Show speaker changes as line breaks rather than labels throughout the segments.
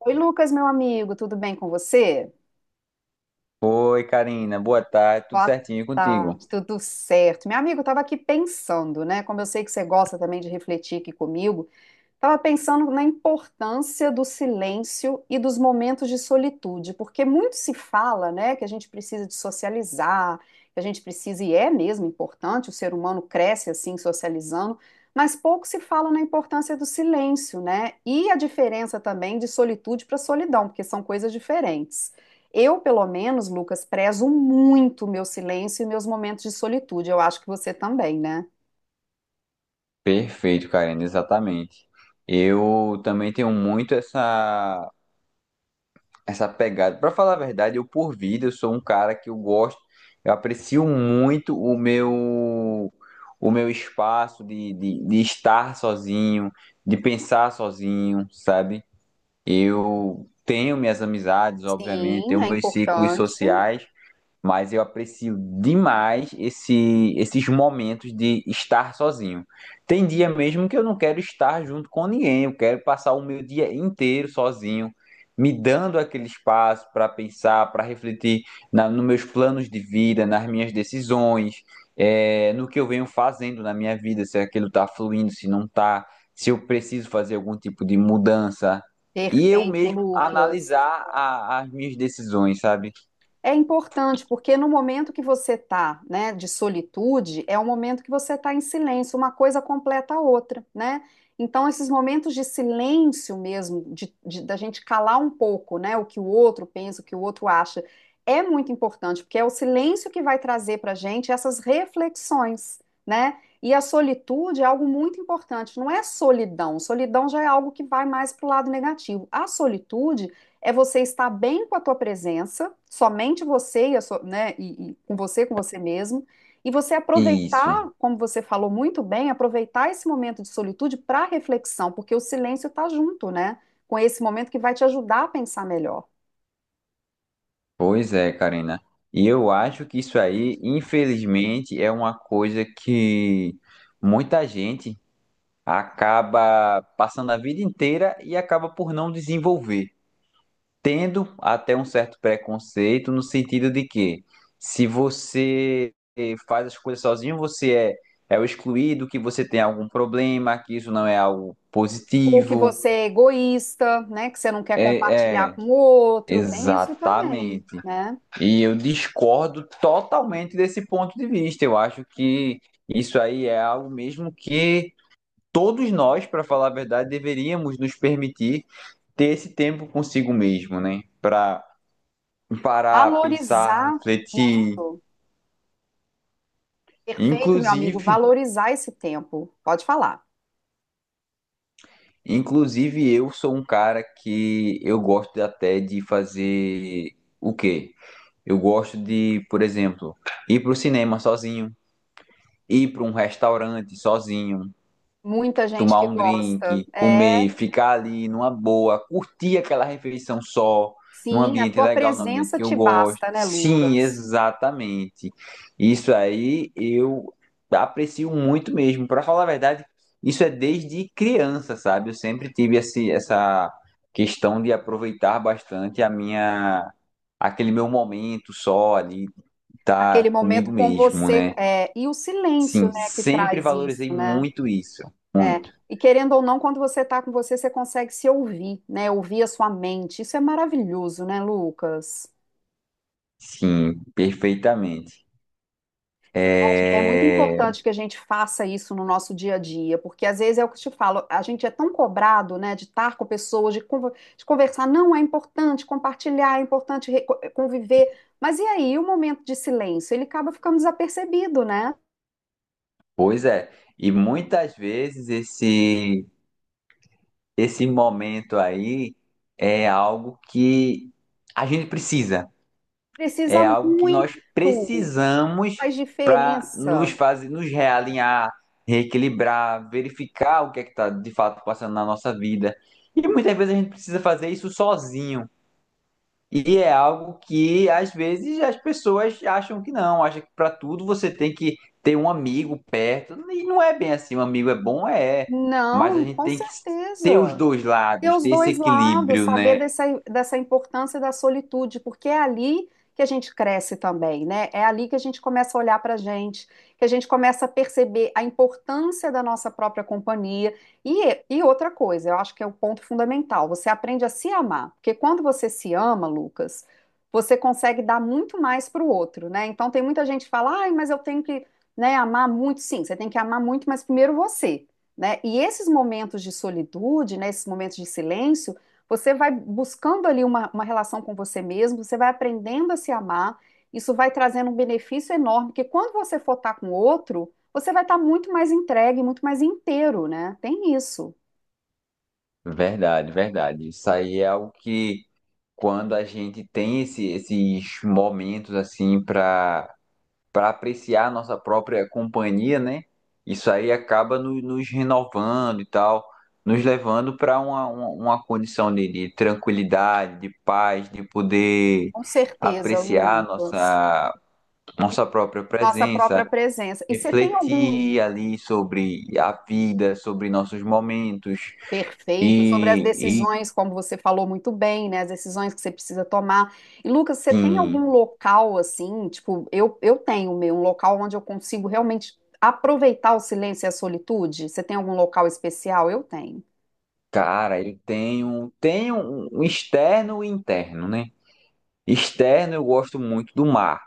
Oi, Lucas, meu amigo, tudo bem com você?
Oi, Karina. Boa tarde. Tudo
Boa
certinho e contigo?
tarde, tudo certo. Meu amigo, eu estava aqui pensando, né? Como eu sei que você gosta também de refletir aqui comigo, estava pensando na importância do silêncio e dos momentos de solitude, porque muito se fala, né, que a gente precisa de socializar, que a gente precisa, e é mesmo importante, o ser humano cresce assim, socializando, mas pouco se fala na importância do silêncio, né, e a diferença também de solitude para solidão, porque são coisas diferentes. Eu, pelo menos, Lucas, prezo muito o meu silêncio e meus momentos de solitude. Eu acho que você também, né?
Perfeito, Karina. Exatamente. Eu também tenho muito essa pegada. Para falar a verdade, eu por vida, eu sou um cara que eu gosto, eu aprecio muito o meu espaço de estar sozinho, de pensar sozinho, sabe? Eu tenho minhas amizades, obviamente,
Sim,
tenho
é
meus ciclos
importante.
sociais, mas eu aprecio demais esses momentos de estar sozinho. Tem dia mesmo que eu não quero estar junto com ninguém, eu quero passar o meu dia inteiro sozinho, me dando aquele espaço para pensar, para refletir nos meus planos de vida, nas minhas decisões, no que eu venho fazendo na minha vida, se aquilo está fluindo, se não está, se eu preciso fazer algum tipo de mudança. E eu
Perfeito,
mesmo
Lucas.
analisar as minhas decisões, sabe?
É importante porque no momento que você está, né, de solitude, é o momento que você está em silêncio, uma coisa completa a outra, né? Então, esses momentos de silêncio mesmo, da gente calar um pouco, né, o que o outro pensa, o que o outro acha, é muito importante, porque é o silêncio que vai trazer para a gente essas reflexões, né? E a solitude é algo muito importante, não é solidão, solidão já é algo que vai mais para o lado negativo. A solitude é você estar bem com a tua presença, somente você e, a sua- né, e com você mesmo, e você
Isso.
aproveitar, como você falou muito bem, aproveitar esse momento de solitude para reflexão, porque o silêncio está junto, né, com esse momento que vai te ajudar a pensar melhor.
Pois é, Karina. E eu acho que isso aí, infelizmente, é uma coisa que muita gente acaba passando a vida inteira e acaba por não desenvolver, tendo até um certo preconceito no sentido de que se você faz as coisas sozinho, você é o excluído, que você tem algum problema, que isso não é algo
Ou que
positivo.
você é egoísta, né, que você não quer
É,
compartilhar
é,
com o outro, tem isso também,
exatamente.
né?
E eu discordo totalmente desse ponto de vista. Eu acho que isso aí é algo mesmo que todos nós, para falar a verdade, deveríamos nos permitir ter esse tempo consigo mesmo, né? Para parar, pensar,
Valorizar
refletir.
isso. Perfeito, meu amigo,
Inclusive,
valorizar esse tempo. Pode falar.
inclusive, eu sou um cara que eu gosto até de fazer o quê? Eu gosto de, por exemplo, ir para o cinema sozinho, ir para um restaurante sozinho,
Muita gente
tomar
que
um
gosta.
drink,
É,
comer, ficar ali numa boa, curtir aquela refeição só, num
sim, a
ambiente
tua
legal, num ambiente
presença
que eu
te
gosto.
basta, né,
Sim,
Lucas?
exatamente. Isso aí eu aprecio muito mesmo. Para falar a verdade, isso é desde criança, sabe? Eu sempre tive essa questão de aproveitar bastante a minha aquele meu momento só ali, tá
Aquele
comigo
momento com
mesmo,
você,
né?
é, e o silêncio,
Sim,
né, que
sempre
traz isso,
valorizei
né?
muito isso,
É,
muito.
e querendo ou não, quando você está com você, você consegue se ouvir, né? Ouvir a sua mente. Isso é maravilhoso, né, Lucas?
Sim, perfeitamente.
É muito
É,
importante que a gente faça isso no nosso dia a dia, porque às vezes é o que eu te falo, a gente é tão cobrado, né, de estar com pessoas, de conversar. Não, é importante compartilhar, é importante conviver. Mas e aí, o momento de silêncio? Ele acaba ficando desapercebido, né?
pois é, e muitas vezes esse momento aí é algo que a gente precisa,
Precisa
é algo que nós
muito,
precisamos
faz
para nos
diferença.
fazer, nos realinhar, reequilibrar, verificar o que é que está de fato passando na nossa vida. E muitas vezes a gente precisa fazer isso sozinho. E é algo que às vezes as pessoas acham que não, acham que para tudo você tem que ter um amigo perto. E não é bem assim, um amigo é bom, mas a
Não,
gente
com
tem que ter os
certeza.
dois
Ter
lados,
os
ter esse
dois lados,
equilíbrio,
saber
né?
dessa importância da solitude, porque é ali que a gente cresce também, né? É ali que a gente começa a olhar para a gente, que a gente começa a perceber a importância da nossa própria companhia. E outra coisa, eu acho que é o ponto fundamental, você aprende a se amar, porque quando você se ama, Lucas, você consegue dar muito mais para o outro, né? Então tem muita gente que fala, ai, mas eu tenho que, né, amar muito. Sim, você tem que amar muito, mas primeiro você, né? E esses momentos de solitude, né, esses momentos de silêncio, você vai buscando ali uma relação com você mesmo, você vai aprendendo a se amar, isso vai trazendo um benefício enorme, porque quando você for estar com outro, você vai estar muito mais entregue, muito mais inteiro, né? Tem isso,
Verdade, verdade. Isso aí é algo que quando a gente tem esses momentos assim para apreciar a nossa própria companhia, né? Isso aí acaba nos renovando e tal, nos levando para uma condição de tranquilidade, de paz, de poder
com certeza,
apreciar
Lucas.
nossa, nossa própria
Nossa própria
presença,
presença. E você tem algum...
refletir ali sobre a vida, sobre nossos momentos.
Perfeito, sobre as
E, e
decisões, como você falou muito bem, né? As decisões que você precisa tomar. E Lucas, você tem algum
sim,
local assim? Tipo, eu, tenho meu, um local onde eu consigo realmente aproveitar o silêncio e a solitude? Você tem algum local especial? Eu tenho.
cara, eu tenho um externo e interno, né? Externo, eu gosto muito do mar.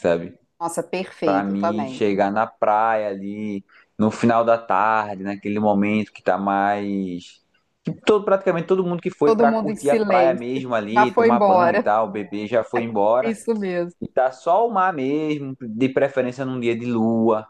Sabe?
Nossa,
Pra
perfeito
mim
também.
chegar na praia ali no final da tarde, naquele momento que tá mais que todo praticamente todo mundo que foi
Todo
pra
mundo em
curtir a praia
silêncio.
mesmo
Já
ali,
foi
tomar banho e
embora.
tal, o bebê já foi embora
Isso mesmo.
e tá só o mar mesmo, de preferência num dia de lua,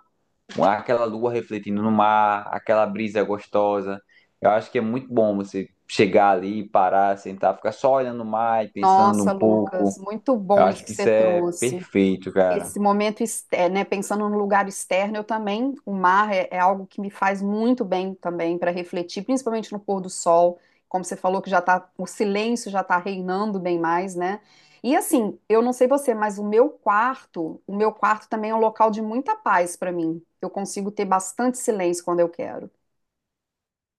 com aquela lua refletindo no mar, aquela brisa gostosa. Eu acho que é muito bom você chegar ali, parar, sentar, ficar só olhando o mar e pensando
Nossa,
um pouco.
Lucas, muito
Eu
bom isso
acho
que
que
você
isso é
trouxe.
perfeito, cara.
Esse momento, é, né, pensando no lugar externo, eu também, o mar é algo que me faz muito bem também para refletir, principalmente no pôr do sol, como você falou que já tá, o silêncio já está reinando bem mais, né? E assim, eu não sei você, mas o meu quarto também é um local de muita paz para mim. Eu consigo ter bastante silêncio quando eu quero.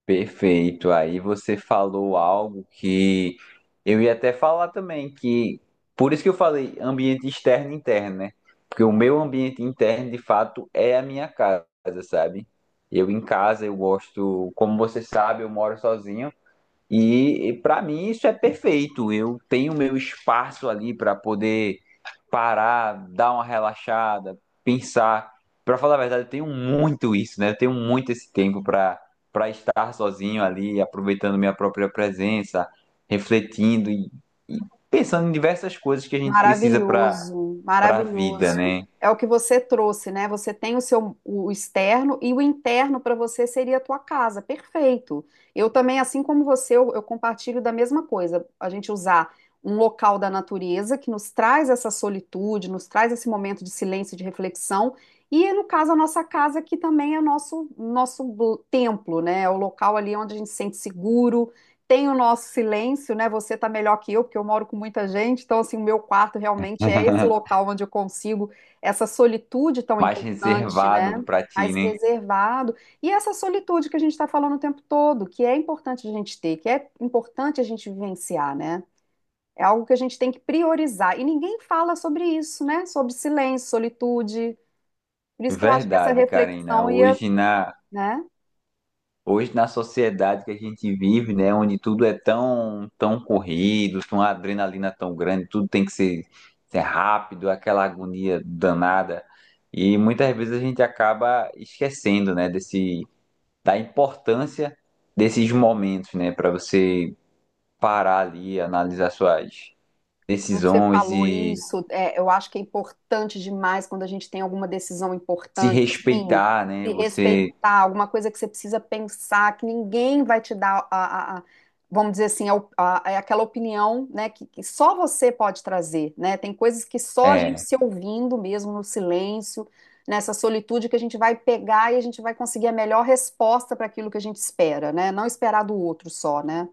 Perfeito. Aí você falou algo que eu ia até falar também, que por isso que eu falei ambiente externo e interno, né? Porque o meu ambiente interno, de fato, é a minha casa, sabe? Eu em casa, eu gosto, como você sabe, eu moro sozinho. Para mim isso é perfeito. Eu tenho meu espaço ali para poder parar, dar uma relaxada, pensar. Para falar a verdade, eu tenho muito isso, né? Eu tenho muito esse tempo para estar sozinho ali, aproveitando minha própria presença, refletindo e pensando em diversas coisas que a gente precisa
Maravilhoso,
para a vida,
maravilhoso.
né?
É o que você trouxe, né? Você tem o seu o externo e o interno para você seria a tua casa. Perfeito. Eu também, assim como você, eu compartilho da mesma coisa. A gente usar um local da natureza que nos traz essa solitude, nos traz esse momento de silêncio, e de reflexão. E, no caso, a nossa casa, que também é o nosso templo, né? É o local ali onde a gente se sente seguro, tem o nosso silêncio, né? Você tá melhor que eu, porque eu moro com muita gente, então assim, o meu quarto realmente é esse local onde eu consigo essa solitude tão
Mais
importante,
reservado
né?
para ti,
Mais
né?
reservado. E essa solitude que a gente está falando o tempo todo, que é importante a gente ter, que é importante a gente vivenciar, né? É algo que a gente tem que priorizar. E ninguém fala sobre isso, né? Sobre silêncio, solitude. Por isso que eu acho que essa
Verdade, Karina.
reflexão ia, né?
Hoje, na sociedade que a gente vive, né, onde tudo é tão, tão corrido, tem uma adrenalina tão grande, tudo tem que ser, ser rápido, aquela agonia danada. E muitas vezes a gente acaba esquecendo, né, da importância desses momentos, né, para você parar ali, analisar suas
E como você
decisões
falou
e
isso, é, eu acho que é importante demais quando a gente tem alguma decisão
se
importante, assim,
respeitar, né,
se
você.
respeitar, alguma coisa que você precisa pensar, que ninguém vai te dar vamos dizer assim, a, op- a- a- aquela opinião, né, que só você pode trazer, né? Tem coisas que só a gente
É,
se ouvindo mesmo no silêncio, nessa solitude que a gente vai pegar e a gente vai conseguir a melhor resposta para aquilo que a gente espera, né? Não esperar do outro só, né?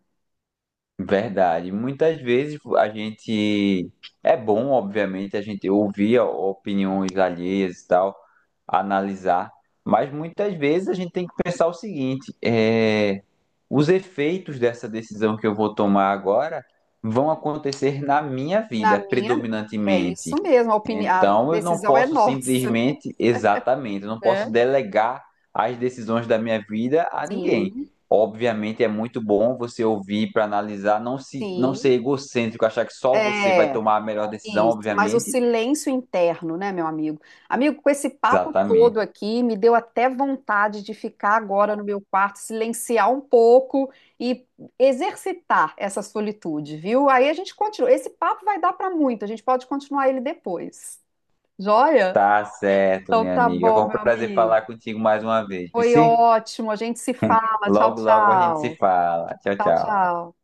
verdade. Muitas vezes a gente é bom, obviamente, a gente ouvir opiniões alheias e tal, analisar, mas muitas vezes a gente tem que pensar o seguinte: os efeitos dessa decisão que eu vou tomar agora vão acontecer na minha
Na
vida,
minha, é
predominantemente.
isso mesmo, a
Então, eu não
decisão é
posso
nossa.
simplesmente, exatamente, eu não posso
Né?
delegar as decisões da minha vida a ninguém.
Sim,
Obviamente é muito bom você ouvir para analisar, não ser
sim,
egocêntrico, achar que só você vai
é
tomar a melhor decisão,
isso. Mas o
obviamente.
silêncio interno, né, meu amigo? Amigo, com esse papo todo
Exatamente.
aqui, me deu até vontade de ficar agora no meu quarto, silenciar um pouco e exercitar essa solitude, viu? Aí a gente continua. Esse papo vai dar para muito, a gente pode continuar ele depois. Joia?
Tá certo,
Então
minha
tá
amiga. Foi
bom,
um
meu
prazer
amigo.
falar contigo mais uma vez,
Foi
Vici.
ótimo, a gente se fala. Tchau,
Logo, logo a gente se
tchau.
fala. Tchau,
Tchau,
tchau.
tchau.